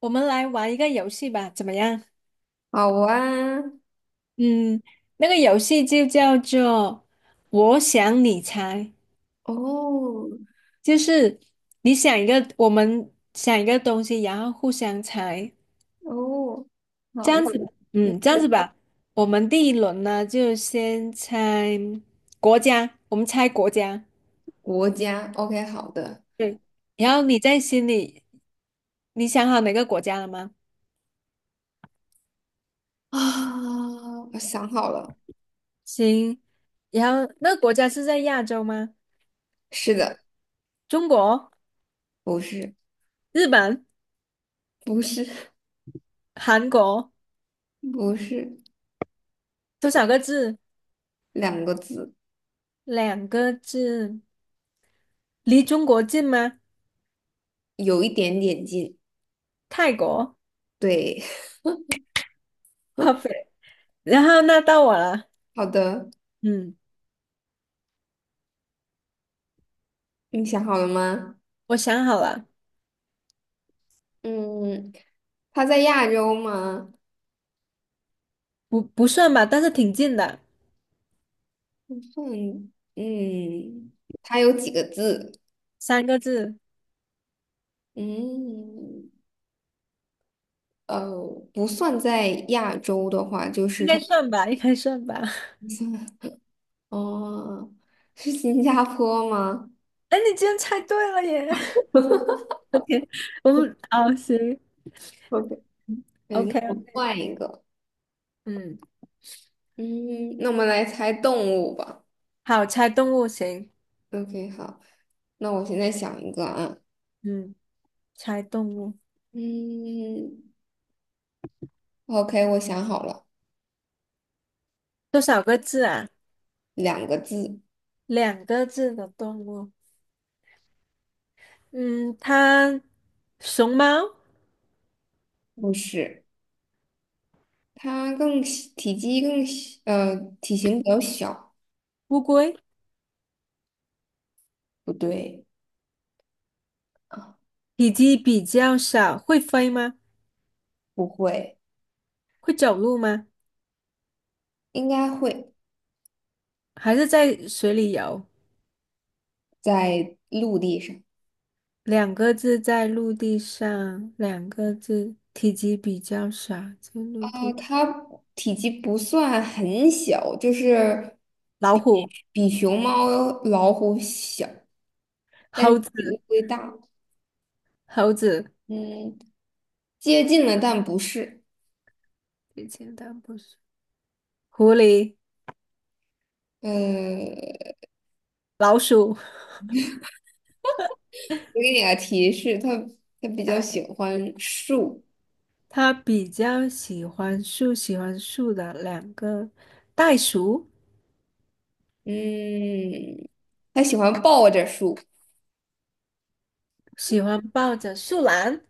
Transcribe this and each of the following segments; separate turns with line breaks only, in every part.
我们来玩一个游戏吧，怎么样？
好啊，
嗯，那个游戏就叫做“我想你猜”，
哦
就是你想一个，我们想一个东西，然后互相猜，
哦，
这
好，
样子吧
嗯，
嗯，这样子吧。我们第一轮呢，就先猜国家，我们猜国家。
国家，OK，好的
对，然后你在心里，你想好哪个国家了吗？
啊，我想好了，
行，然后那个国家是在亚洲吗？
是的，
中国、
不是，
日本、
不是，
韩国，
不是，
多少个字？
两个字，
两个字，离中国近吗？
有一点点近，
泰国
对，
，perfect。然后那到我了。
好的，
嗯，
你想好了吗？
我想好了。
嗯，他在亚洲吗？
不算吧，但是挺近的。
不算，嗯，他有几个字？
三个字。
嗯，呃，不算在亚洲的话，就是
应
他
该算吧，应该算吧。
不算。哦，是新加坡吗
哎，你竟然猜对了耶！我的天，我们哦行
？OK，对，那
，OK。
我换一个。
嗯，
嗯，那我们来猜动物吧。
好，猜动物行。
OK，好，那我现在想一个啊。
嗯，猜动物，
嗯，OK，我想好了，
多少个字啊？
两个字，
两个字的动物。嗯，它熊猫、
不是，它更小体积更小，体型比较小，
乌龟，
不对啊，
体积比较小，会飞吗？
不会，
会走路吗？
应该会
还是在水里游？
在陆地上
两个字在陆地上，两个字体积比较小，在陆
啊，
地。
它体积不算很小，就是。
老虎、
比熊猫、老虎小，但
猴
是
子、
比乌龟大。
猴子，
嗯，接近了，但不是。
以前但不是狐狸、
嗯，
老鼠。
我给你个提示，它比较喜欢树。
它比较喜欢树，喜欢树的两个，袋鼠，
嗯，它喜欢抱着树。
喜欢抱着树懒。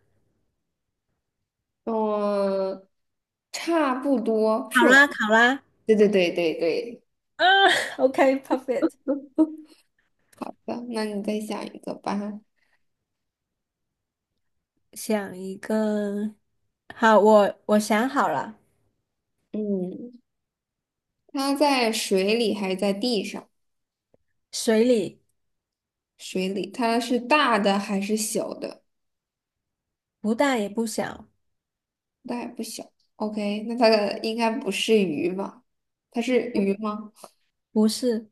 嗯，差不多，
好
树懒。
啦，好啦，
对对对对对。
啊OK，perfect。
好的那你再想一个吧。
想一个，好，我想好了。
嗯，它在水里还是在地上？
水里。
水里，它是大的还是小的？
不大也不小。
那也不小。OK，那它的应该不是鱼吧？它是鱼吗？
不是，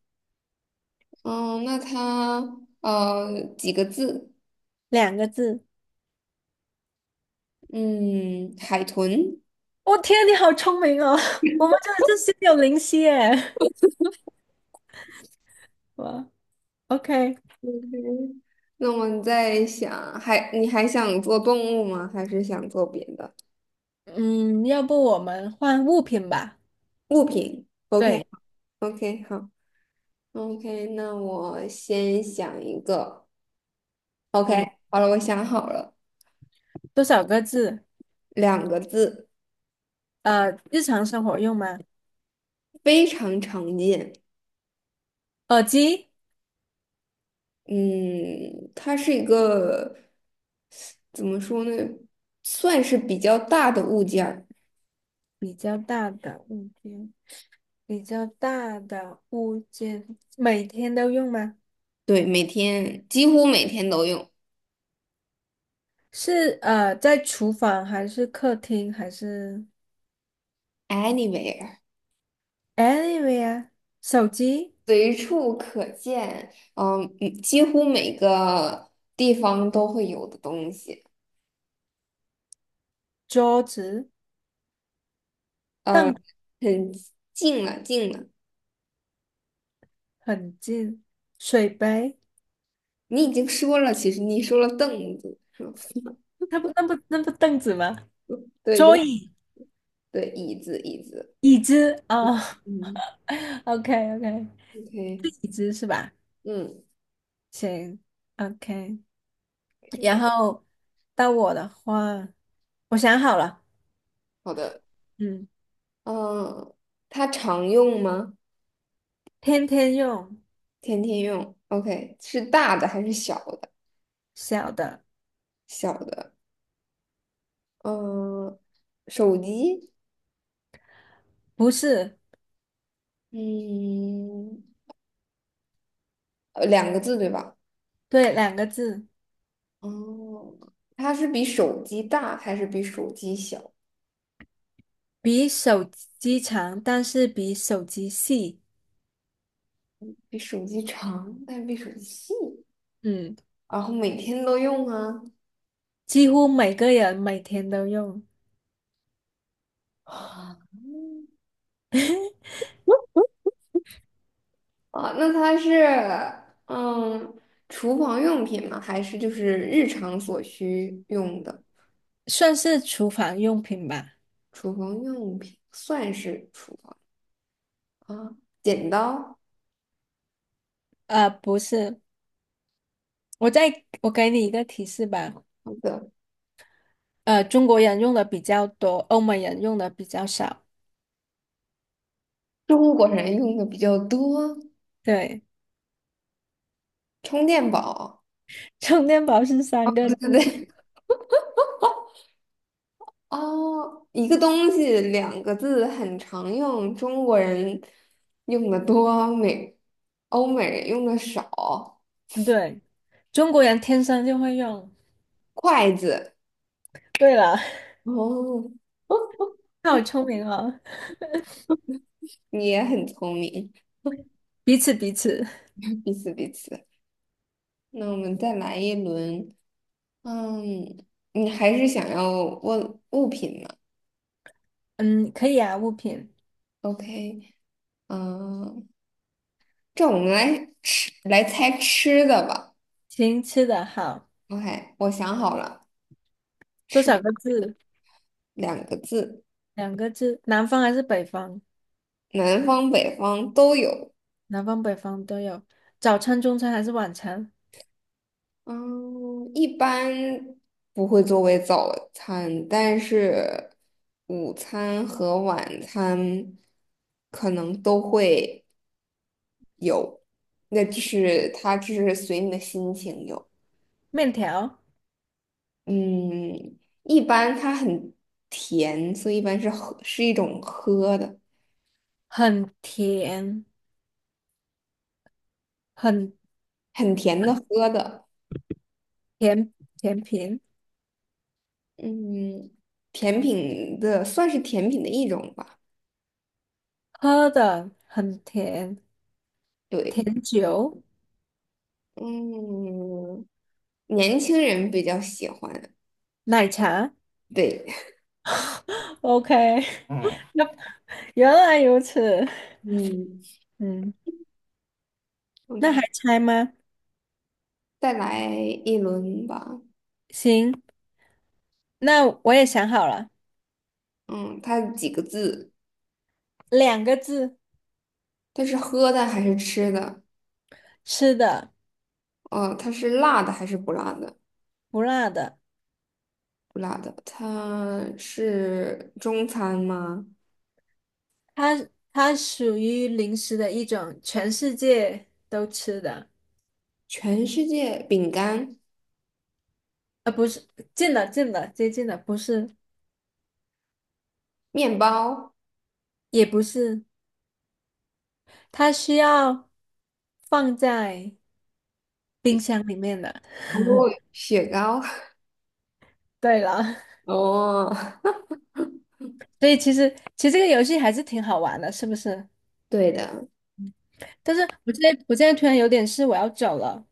嗯，那它几个字？
两个字。
嗯，海豚。
我、天，你好聪明哦！我们真的是心有灵犀耶。哇，OK。
嗯，那我们在想，还你还想做动物吗？还是想做别的
嗯，要不我们换物品吧？
物品？OK
对。
OK 好 OK，那我先想一个。
嗯，
OK，好了，我想好了，
多少个字？
两个字，
呃，日常生活用吗？
非常常见。
耳机。
嗯，它是一个怎么说呢，算是比较大的物件儿，
比较大的物件，比较大的物件，每天都用吗？
对，每天几乎每天都用
是呃，在厨房还是客厅还是
，anywhere，
ANYWHERE, 手机、
随处可见，嗯，嗯几乎每个地方都会有的东西，
桌子、
嗯，
凳
很近了，近了，
很近，水杯，
你已经说了，其实你说了凳子，是吧
那不那不那不凳子吗？
对，就
桌
是
椅、
对，椅子，椅子，
椅子哦 o k
嗯
OK。
，OK，
是椅子是吧？
嗯，
行，OK。然后到我的话，我想好了。
好的，
嗯，
嗯，它常用吗？
天天用，
天天用，OK，是大的还是小的？
小的，
小的，嗯、手机，
不是，
嗯，两个字对吧？
对，两个字，
哦，它是比手机大还是比手机小？
比手机长，但是比手机细。
比手机长，但是比手机细，
嗯，
然后每天都用啊。
几乎每个人每天都用。
啊，那它是嗯，厨房用品吗？还是就是日常所需用的
算是厨房用品吧。
厨房用品？算是厨房啊，剪刀。
呃，不是，我再，我给你一个提示吧，
好的。
呃，中国人用的比较多，欧美人用的比较少。
中国人用的比较多，
对，
充电宝。
充电宝是三个
对
字。
对对，哦，一个东西两个字很常用，中国人用的多，美欧美人用的少。
嗯对，中国人天生就会用。
筷子，
对了，
哦，
好聪明哦，
你也很聪明，
彼此彼此。
彼此彼此。那我们再来一轮，嗯，你还是想要问物品吗
嗯，可以啊，物品。
？OK，嗯，这我们来吃来猜吃的吧。
行，吃的好，
OK，我想好了。
多
吃
少个字？
两个字，
两个字。南方还是北方？
南方北方都有。
南方北方都有。早餐、中餐还是晚餐？
嗯，一般不会作为早餐，但是午餐和晚餐可能都会有。那就是它，就是随你的心情有。
面条，
嗯，一般它很甜，所以一般是喝，是一种喝的，
很甜，很
很甜的喝的。
甜甜品。
嗯，甜品的算是甜品的一种吧。
喝的很甜，
对，
甜酒、
嗯，年轻人比较喜欢。
奶茶。
对
OK,嗯，原来如此。
嗯，
嗯，那还
，OK，
猜吗？
再来一轮吧。
行，那我也想好了。
嗯，它几个字？
两个字，
它是喝的还是吃的？
吃的，
哦，它是辣的还是不辣的？
不辣的。
不辣的。它是中餐吗？
它它属于零食的一种，全世界都吃的。
全世界饼干、
呃，不是，近了，近了，接近了，不是，
面包、
也不是，它需要放在冰箱里面的。
哦，雪糕。
对了，
哦，
所以其实这个游戏还是挺好玩的，是不是？
对的。
但是我现在突然有点事，我要走了。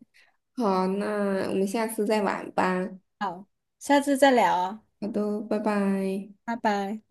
好，那我们下次再玩吧。
好，下次再聊啊，
好的，拜拜。
拜拜。